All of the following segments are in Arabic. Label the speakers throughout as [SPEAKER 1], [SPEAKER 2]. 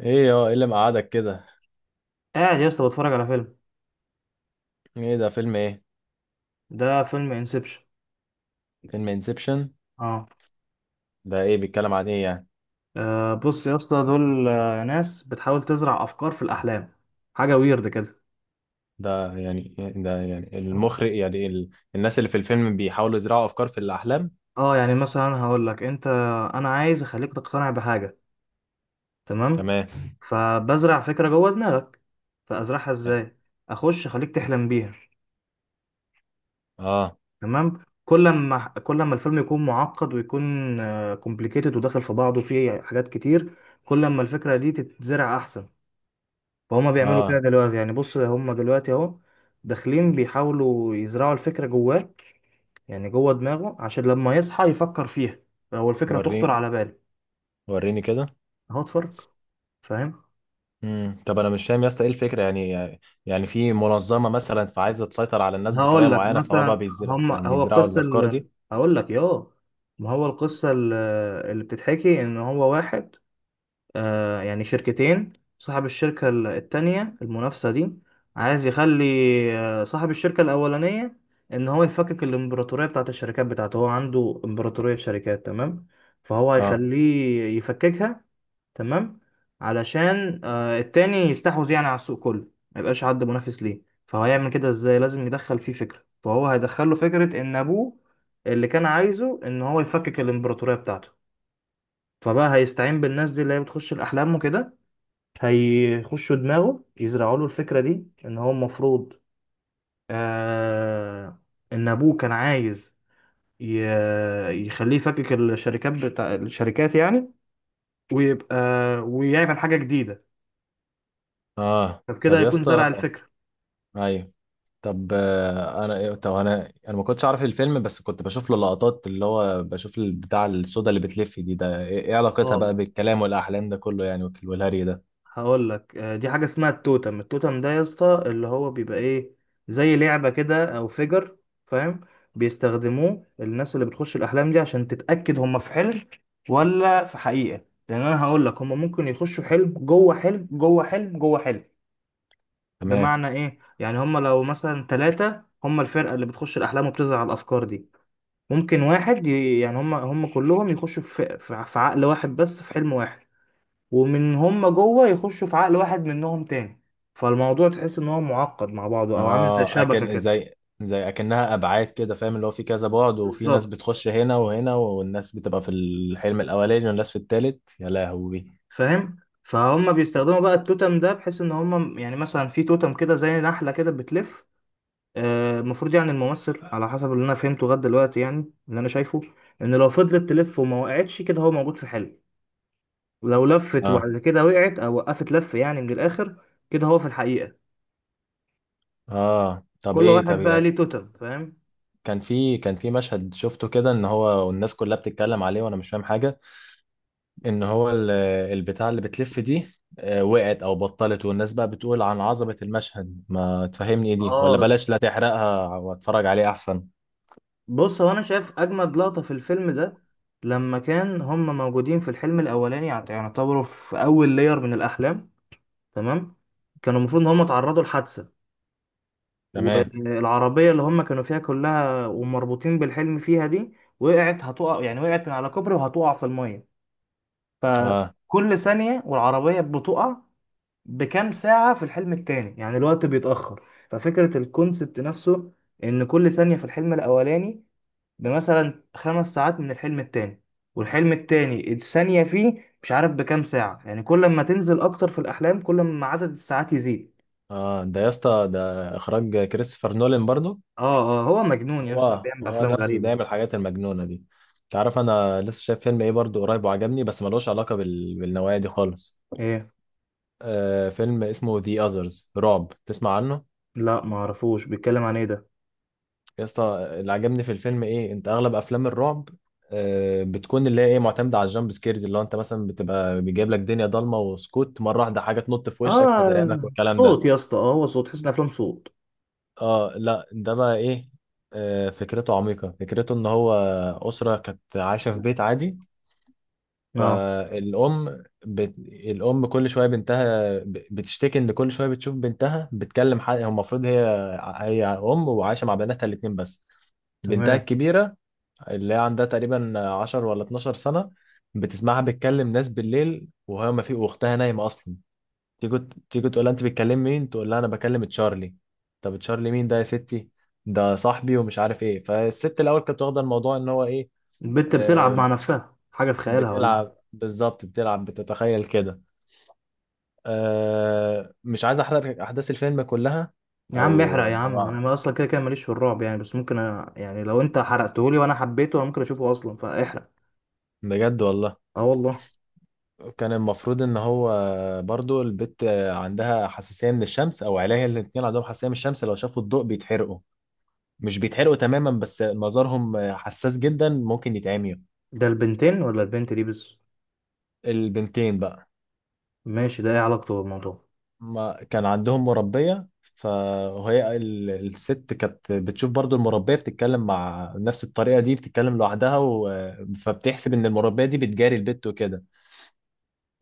[SPEAKER 1] ايه اللي مقعدك كده؟
[SPEAKER 2] قاعد يا اسطى، بتفرج على فيلم.
[SPEAKER 1] ايه ده، فيلم ايه؟
[SPEAKER 2] ده فيلم انسبشن.
[SPEAKER 1] فيلم انسبشن.
[SPEAKER 2] اه.
[SPEAKER 1] ده ايه، بيتكلم عن ايه يعني؟
[SPEAKER 2] بص يا اسطى، دول ناس بتحاول تزرع افكار في الاحلام حاجه ويرد كده.
[SPEAKER 1] ده يعني المخرج، يعني الناس اللي في الفيلم بيحاولوا يزرعوا افكار في الاحلام.
[SPEAKER 2] اه، يعني مثلا هقول لك انت، انا عايز اخليك تقتنع بحاجه. تمام.
[SPEAKER 1] تمام.
[SPEAKER 2] فبزرع فكره جوه دماغك. فازرعها ازاي؟ اخش اخليك تحلم بيها.
[SPEAKER 1] اه.
[SPEAKER 2] تمام. كل ما الفيلم يكون معقد ويكون كومبليكيتد وداخل في بعضه فيه حاجات كتير، كل ما الفكره دي تتزرع احسن. فهم بيعملوا كده
[SPEAKER 1] اه.
[SPEAKER 2] دلوقتي، يعني بص، هم دلوقتي اهو داخلين بيحاولوا يزرعوا الفكرة جواه، يعني جوه دماغه عشان لما يصحى يفكر فيها، هو الفكرة تخطر
[SPEAKER 1] وريني،
[SPEAKER 2] على باله.
[SPEAKER 1] وريني كده.
[SPEAKER 2] اهو اتفرج. فاهم؟
[SPEAKER 1] طب انا مش فاهم يا اسطى، ايه الفكره يعني؟ يعني في منظمه مثلا فعايزه تسيطر على الناس بطريقه
[SPEAKER 2] هقول لك
[SPEAKER 1] معينه، فهو بقى
[SPEAKER 2] مثلا، هم هو
[SPEAKER 1] بيزرعوا
[SPEAKER 2] القصة
[SPEAKER 1] الافكار دي؟
[SPEAKER 2] هقول لك ياه، ما هو القصة اللي بتتحكي ان هو واحد. يعني شركتين. صاحب الشركة التانية المنافسة دي عايز يخلي صاحب الشركة الأولانية، إن هو يفكك الإمبراطورية بتاعت الشركات بتاعته. هو عنده إمبراطورية شركات، تمام؟ فهو
[SPEAKER 1] اه.
[SPEAKER 2] هيخليه يفككها. تمام. علشان التاني يستحوذ يعني على السوق كله، ما يبقاش حد منافس ليه. فهو هيعمل كده إزاي؟ لازم يدخل فيه فكرة، فهو هيدخله فكرة إن أبوه اللي كان عايزه إن هو يفكك الإمبراطورية بتاعته. فبقى هيستعين بالناس دي اللي هي بتخش الأحلام وكده، هيخشوا دماغه يزرعوا له الفكرة دي ان هو المفروض آه ان ابوه كان عايز يخليه يفكك الشركات بتاع الشركات يعني، ويبقى ويعمل حاجة جديدة.
[SPEAKER 1] اه
[SPEAKER 2] فبكده
[SPEAKER 1] طب يا
[SPEAKER 2] هيكون
[SPEAKER 1] اسطى.
[SPEAKER 2] زرع الفكرة.
[SPEAKER 1] ايوه. طب انا طب انا ما كنتش اعرف الفيلم، بس كنت بشوف له لقطات اللي هو بشوف البتاع السودا اللي بتلف دي، ده ايه، إيه علاقتها
[SPEAKER 2] اه.
[SPEAKER 1] بقى بالكلام والاحلام ده كله يعني والهري ده؟
[SPEAKER 2] هقول لك، دي حاجة اسمها التوتم. التوتم ده يا اسطى اللي هو بيبقى ايه، زي لعبة كده او فيجر، فاهم؟ بيستخدموه الناس اللي بتخش الاحلام دي عشان تتأكد هم في حلم ولا في حقيقة، لان انا هقول لك، هم ممكن يخشوا حلم جوه حلم جوه حلم جوه حلم.
[SPEAKER 1] تمام.
[SPEAKER 2] بمعنى ايه؟ يعني هم لو مثلا ثلاثة، هم الفرقة اللي بتخش الاحلام وبتزرع الافكار دي، ممكن واحد يعني هم كلهم يخشوا في عقل واحد بس في حلم واحد، ومن هم جوه يخشوا في عقل واحد منهم تاني. فالموضوع تحس ان هو معقد مع بعضه او عامل زي
[SPEAKER 1] اه
[SPEAKER 2] شبكه
[SPEAKER 1] اكن
[SPEAKER 2] كده.
[SPEAKER 1] زي، اكنها ابعاد كده فاهم، اللي هو في كذا بعد، وفي ناس
[SPEAKER 2] بالظبط.
[SPEAKER 1] بتخش هنا وهنا، والناس بتبقى في الحلم الاولاني والناس في التالت، يا لهوي.
[SPEAKER 2] فاهم؟ فهم بيستخدموا بقى التوتم ده بحيث ان هم يعني مثلا في توتم كده زي نحله كده بتلف. المفروض يعني الممثل على حسب اللي انا فهمته لغايه دلوقتي، يعني اللي انا شايفه، ان لو فضلت تلف وما وقعتش كده، هو موجود في حلم. ولو لفت
[SPEAKER 1] اه.
[SPEAKER 2] وبعد كده وقعت او وقفت لف يعني، من الاخر كده، هو في الحقيقه.
[SPEAKER 1] اه طب
[SPEAKER 2] كل
[SPEAKER 1] ايه،
[SPEAKER 2] واحد
[SPEAKER 1] طب
[SPEAKER 2] بقى ليه
[SPEAKER 1] يعني
[SPEAKER 2] توتم. فاهم؟
[SPEAKER 1] كان في مشهد شفته كده ان هو والناس كلها بتتكلم عليه وانا مش فاهم حاجة. ان هو البتاع اللي بتلف دي، وقعت او بطلت، والناس بقى بتقول عن عظمة المشهد. ما تفهمني ايه دي؟ ولا
[SPEAKER 2] اه.
[SPEAKER 1] بلاش، لا تحرقها واتفرج عليه احسن.
[SPEAKER 2] بص، هو انا شايف اجمد لقطة في الفيلم ده، لما كان هم موجودين في الحلم الاولاني، يعني يعتبروا في اول لير من الاحلام. تمام. كانوا المفروض ان هم اتعرضوا لحادثة،
[SPEAKER 1] تمام.
[SPEAKER 2] والعربية اللي هم كانوا فيها كلها ومربوطين بالحلم فيها دي، وقعت، هتقع يعني، وقعت من على كوبري وهتقع في المية.
[SPEAKER 1] اه.
[SPEAKER 2] فكل ثانية والعربية بتقع بكام ساعة في الحلم التاني، يعني الوقت بيتأخر. ففكرة الكونسبت نفسه، ان كل ثانية في الحلم الاولاني بمثلا 5 ساعات من الحلم التاني، والحلم التاني الثانية فيه مش عارف بكام ساعة. يعني كل ما تنزل أكتر في الأحلام، كل ما عدد الساعات يزيد.
[SPEAKER 1] اه ده يا اسطى، ده اخراج كريستوفر نولان برضو.
[SPEAKER 2] اه اه، هو مجنون يا اسطى،
[SPEAKER 1] هو
[SPEAKER 2] بيعمل
[SPEAKER 1] هو
[SPEAKER 2] أفلام
[SPEAKER 1] نفس ده
[SPEAKER 2] غريبة.
[SPEAKER 1] يعمل الحاجات المجنونة دي. تعرف انا لسه شايف فيلم ايه برضو قريب وعجبني، بس ملوش علاقة بالنوايا دي خالص.
[SPEAKER 2] ايه؟
[SPEAKER 1] آه، فيلم اسمه The Others رعب، تسمع عنه؟
[SPEAKER 2] لا ما اعرفوش، بيتكلم عن ايه ده؟
[SPEAKER 1] يا اسطى اللي عجبني في الفيلم ايه، انت اغلب افلام الرعب بتكون اللي هي ايه، معتمده على الجامب سكيرز، اللي هو انت مثلا بتبقى بيجيب لك دنيا ضلمه وسكوت، مره واحده حاجه تنط في وشك فترعبك
[SPEAKER 2] اه
[SPEAKER 1] والكلام ده.
[SPEAKER 2] صوت يا اسطى، اه هو صوت، تحس ان افلام صوت.
[SPEAKER 1] اه. لا ده بقى ايه، فكرته عميقه. فكرته ان هو اسره كانت عايشه في بيت عادي.
[SPEAKER 2] اه،
[SPEAKER 1] فالام الام كل شويه بنتها بتشتكي، ان كل شويه بتشوف بنتها بتكلم حد. هو المفروض هي، هي ام وعايشه مع بناتها الاتنين بس. بنتها
[SPEAKER 2] تمام.
[SPEAKER 1] الكبيره اللي هي عندها تقريبا 10 ولا 12 سنة بتسمعها بتكلم ناس بالليل وهي ما في، واختها نايمة أصلا. تيجي، تيجي تقول لها: أنت بتكلم مين؟ تقول لها: أنا بكلم تشارلي. طب تشارلي مين ده يا ستي؟ ده صاحبي ومش عارف إيه. فالست الأول كانت واخدة الموضوع إن هو إيه.
[SPEAKER 2] البت بتلعب
[SPEAKER 1] آه،
[SPEAKER 2] مع نفسها حاجة في خيالها ولا إيه؟
[SPEAKER 1] بتلعب بالظبط، بتلعب بتتخيل كده. آه، مش عايز أحرق أحداث الفيلم كلها.
[SPEAKER 2] يا عم احرق
[SPEAKER 1] أو
[SPEAKER 2] يا عم، انا
[SPEAKER 1] أو-
[SPEAKER 2] ما اصلا كده كده ماليش في الرعب يعني، بس ممكن يعني لو انت حرقتهولي وانا حبيته انا ممكن اشوفه، اصلا فاحرق.
[SPEAKER 1] بجد والله.
[SPEAKER 2] اه والله.
[SPEAKER 1] كان المفروض ان هو، برضو البت عندها حساسيه من الشمس، او عيليها الاتنين عندهم حساسيه من الشمس، لو شافوا الضوء بيتحرقوا. مش بيتحرقوا تماما بس مظهرهم حساس جدا، ممكن يتعميوا.
[SPEAKER 2] ده البنتين ولا البنت دي بس؟
[SPEAKER 1] البنتين بقى.
[SPEAKER 2] ماشي. ده ايه علاقته بالموضوع؟
[SPEAKER 1] ما كان عندهم مربيه، فهي الست كانت بتشوف برضو المربيه بتتكلم مع نفس الطريقه دي، بتتكلم لوحدها فبتحسب ان المربيه دي بتجاري البت وكده.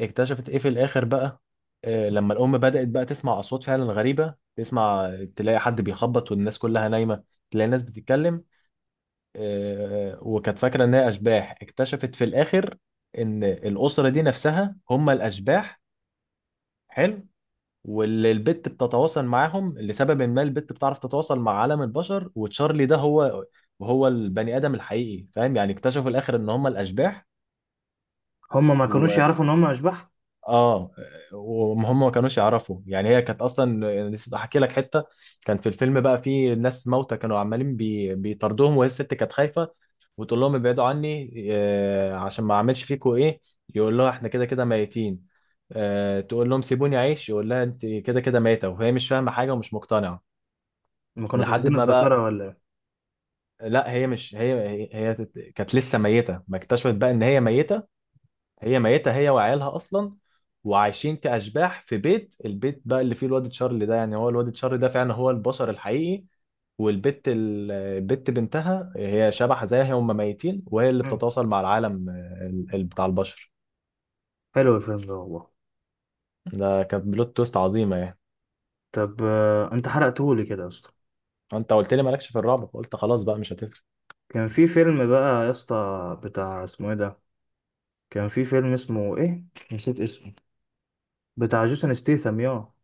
[SPEAKER 1] اكتشفت ايه في الاخر بقى. لما الام بدأت بقى تسمع اصوات فعلا غريبة، تسمع تلاقي حد بيخبط والناس كلها نايمة، تلاقي ناس بتتكلم. وكانت فاكرة ان هي اشباح. اكتشفت في الاخر ان الاسرة دي نفسها هم الاشباح. حلو. واللي البت بتتواصل معاهم لسبب ما، البت بتعرف تتواصل مع عالم البشر، وتشارلي ده هو، وهو البني ادم الحقيقي فاهم يعني. اكتشفوا في الاخر ان هم الاشباح.
[SPEAKER 2] هما ما كانوش يعرفوا ان هما اشباح؟
[SPEAKER 1] اه. وهم ما كانوش يعرفوا، يعني هي كانت اصلا، نسيت احكي لك حته. كان في الفيلم بقى في ناس موتى كانوا عمالين بيطاردوهم، وهي الست كانت خايفه وتقول لهم ابعدوا عني، آه عشان ما اعملش فيكوا ايه. يقول لها: احنا كده كده ميتين. آه، تقول لهم سيبوني اعيش، يقول لها: انت كده كده ميته. وهي مش فاهمه حاجه ومش مقتنعه
[SPEAKER 2] ما كانوا
[SPEAKER 1] لحد
[SPEAKER 2] فاقدين
[SPEAKER 1] ما بقى.
[SPEAKER 2] الذاكره ولا ايه؟
[SPEAKER 1] لا هي مش هي هي, هي كانت لسه ميته. ما اكتشفت بقى ان هي ميته، هي ميتة هي وعيالها أصلا، وعايشين كأشباح في بيت. البيت بقى اللي فيه الواد تشارلي ده يعني، هو الواد تشارلي ده فعلا هو البشر الحقيقي، والبت البت بنتها هي شبح زيها، هم ميتين وهي اللي
[SPEAKER 2] مم.
[SPEAKER 1] بتتواصل مع العالم بتاع البشر.
[SPEAKER 2] حلو الفيلم ده والله.
[SPEAKER 1] ده كانت بلوت تويست عظيمة يعني.
[SPEAKER 2] طب انت حرقتهولي كده يا اسطى.
[SPEAKER 1] انت قلت لي مالكش في الرعب فقلت خلاص بقى مش هتفرق.
[SPEAKER 2] كان في فيلم بقى يا اسطى بتاع اسمه ايه ده، كان في فيلم اسمه ايه، نسيت اسمه، بتاع جيسون ستيثم، ياه.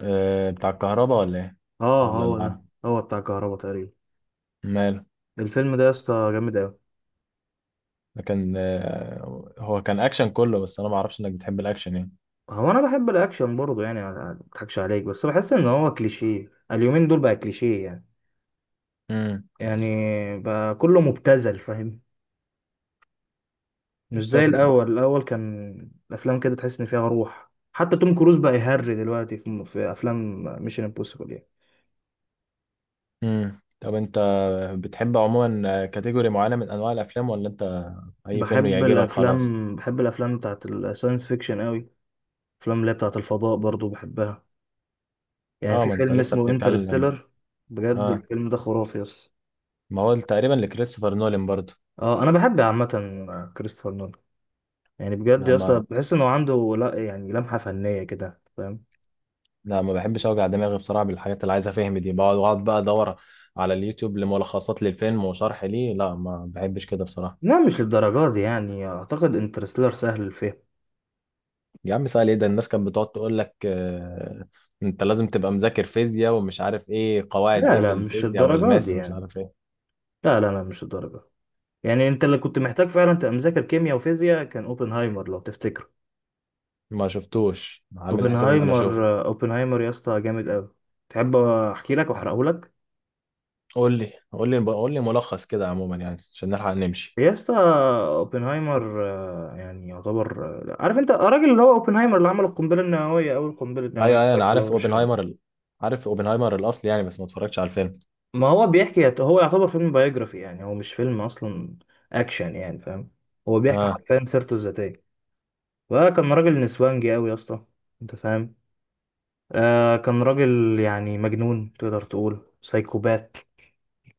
[SPEAKER 1] أه بتاع الكهرباء ولا ايه؟
[SPEAKER 2] اه
[SPEAKER 1] ولا
[SPEAKER 2] هو ده.
[SPEAKER 1] العالم؟
[SPEAKER 2] هو بتاع كهربا تقريبا.
[SPEAKER 1] ماله.
[SPEAKER 2] الفيلم ده يا اسطى جامد قوي.
[SPEAKER 1] ده كان هو كان اكشن كله، بس انا ما اعرفش انك بتحب الاكشن يعني.
[SPEAKER 2] هو انا بحب الاكشن برضه يعني، ما اضحكش عليك، بس بحس ان هو كليشيه. اليومين دول بقى كليشيه يعني.
[SPEAKER 1] امم
[SPEAKER 2] يعني بقى كله مبتذل، فاهم؟ مش زي
[SPEAKER 1] طب
[SPEAKER 2] الأول، الأول كان الأفلام كده تحس إن فيها روح، حتى توم كروز بقى يهري دلوقتي في أفلام ميشن امبوسيبل يعني.
[SPEAKER 1] طب انت بتحب عموما كاتيجوري معينة من انواع الافلام، ولا انت اي فيلم
[SPEAKER 2] بحب ايوه
[SPEAKER 1] يعجبك خلاص؟
[SPEAKER 2] الأفلام، بحب الأفلام بتاعت الساينس فيكشن قوي، الأفلام اللي هي بتاعت الفضاء برضو بحبها. يعني
[SPEAKER 1] اه
[SPEAKER 2] في
[SPEAKER 1] ما
[SPEAKER 2] فيلم
[SPEAKER 1] انت لسه
[SPEAKER 2] اسمه
[SPEAKER 1] بتتكلم.
[SPEAKER 2] انترستيلر. بجد
[SPEAKER 1] اه
[SPEAKER 2] الفيلم ده خرافي يا اسطى.
[SPEAKER 1] ما هو تقريبا لكريستوفر نولان برضو.
[SPEAKER 2] اه انا بحب عامة كريستوفر نولان. يعني بجد
[SPEAKER 1] لا
[SPEAKER 2] يا
[SPEAKER 1] ما
[SPEAKER 2] اسطى بحس انه عنده، لا يعني، لمحة فنية كده، فاهم؟
[SPEAKER 1] لا ما بحبش اوجع دماغي بصراحة بالحاجات اللي عايز افهم دي، بقعد بقى ادور على اليوتيوب لملخصات للفيلم وشرح ليه. لا ما بحبش كده بصراحة.
[SPEAKER 2] لا مش للدرجة دي يعني، اعتقد انترستيلر سهل الفهم.
[SPEAKER 1] يا عم سهل ايه ده، الناس كانت بتقعد تقول لك آه، انت لازم تبقى مذاكر فيزياء ومش عارف ايه قواعد
[SPEAKER 2] لا
[SPEAKER 1] ايه في
[SPEAKER 2] لا مش
[SPEAKER 1] الفيزياء
[SPEAKER 2] الدرجات دي
[SPEAKER 1] والماس ومش
[SPEAKER 2] يعني.
[SPEAKER 1] عارف ايه.
[SPEAKER 2] لا لا لا مش الدرجة. يعني انت اللي كنت محتاج فعلا تبقى مذاكر كيمياء وفيزياء كان اوبنهايمر، لو تفتكره.
[SPEAKER 1] ما شفتوش، عامل حساب ان انا
[SPEAKER 2] اوبنهايمر
[SPEAKER 1] اشوف.
[SPEAKER 2] اوبنهايمر يا اسطى جامد قوي. تحب احكي لك واحرقه لك؟
[SPEAKER 1] قول لي، قول لي، قول لي ملخص كده عموما يعني عشان نلحق نمشي.
[SPEAKER 2] يا اسطى، اوبنهايمر يعني يعتبر عارف انت الراجل اللي هو اوبنهايمر، اللي عمل القنبله النوويه، اول قنبله
[SPEAKER 1] ايوه،
[SPEAKER 2] نوويه
[SPEAKER 1] ايوه انا
[SPEAKER 2] على
[SPEAKER 1] عارف
[SPEAKER 2] هيروشيما؟
[SPEAKER 1] اوبنهايمر عارف اوبنهايمر الاصل يعني بس ما اتفرجتش على الفيلم.
[SPEAKER 2] ما هو بيحكي، هو يعتبر فيلم بايوجرافي يعني، هو مش فيلم اصلا اكشن يعني، فاهم؟ هو بيحكي
[SPEAKER 1] اه.
[SPEAKER 2] حرفيا سيرته الذاتيه. وكان راجل نسوانجي قوي يا اسطى، انت فاهم؟ كان راجل يعني مجنون، تقدر تقول سايكوبات.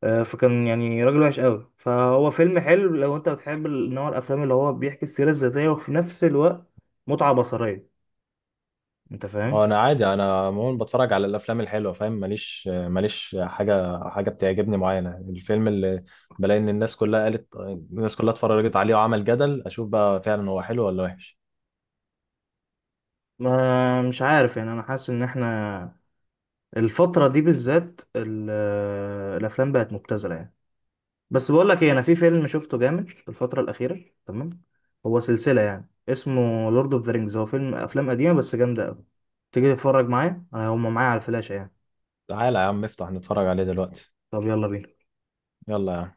[SPEAKER 2] فكان يعني راجل وحش قوي. فهو فيلم حلو لو انت بتحب نوع الافلام اللي هو بيحكي السيره الذاتيه وفي نفس الوقت متعه بصريه، انت
[SPEAKER 1] هو
[SPEAKER 2] فاهم؟
[SPEAKER 1] انا عادي، انا عموما بتفرج على الافلام الحلوه فاهم، ماليش حاجه بتعجبني معينه. الفيلم اللي بلاقي ان الناس كلها قالت، الناس كلها اتفرجت عليه وعمل جدل، اشوف بقى فعلا هو حلو ولا وحش.
[SPEAKER 2] ما مش عارف يعني، انا حاسس ان احنا الفتره دي بالذات الافلام بقت مبتذله يعني. بس بقول لك ايه، انا في فيلم شفته جامد في الفتره الاخيره تمام، هو سلسله يعني، اسمه لورد اوف ذا رينجز. هو فيلم، افلام قديمه بس جامده قوي. تيجي تتفرج معايا، انا هم معايا على الفلاشه يعني.
[SPEAKER 1] تعالى يا عم افتح نتفرج عليه دلوقتي.
[SPEAKER 2] طب يلا بينا.
[SPEAKER 1] يلا يا عم.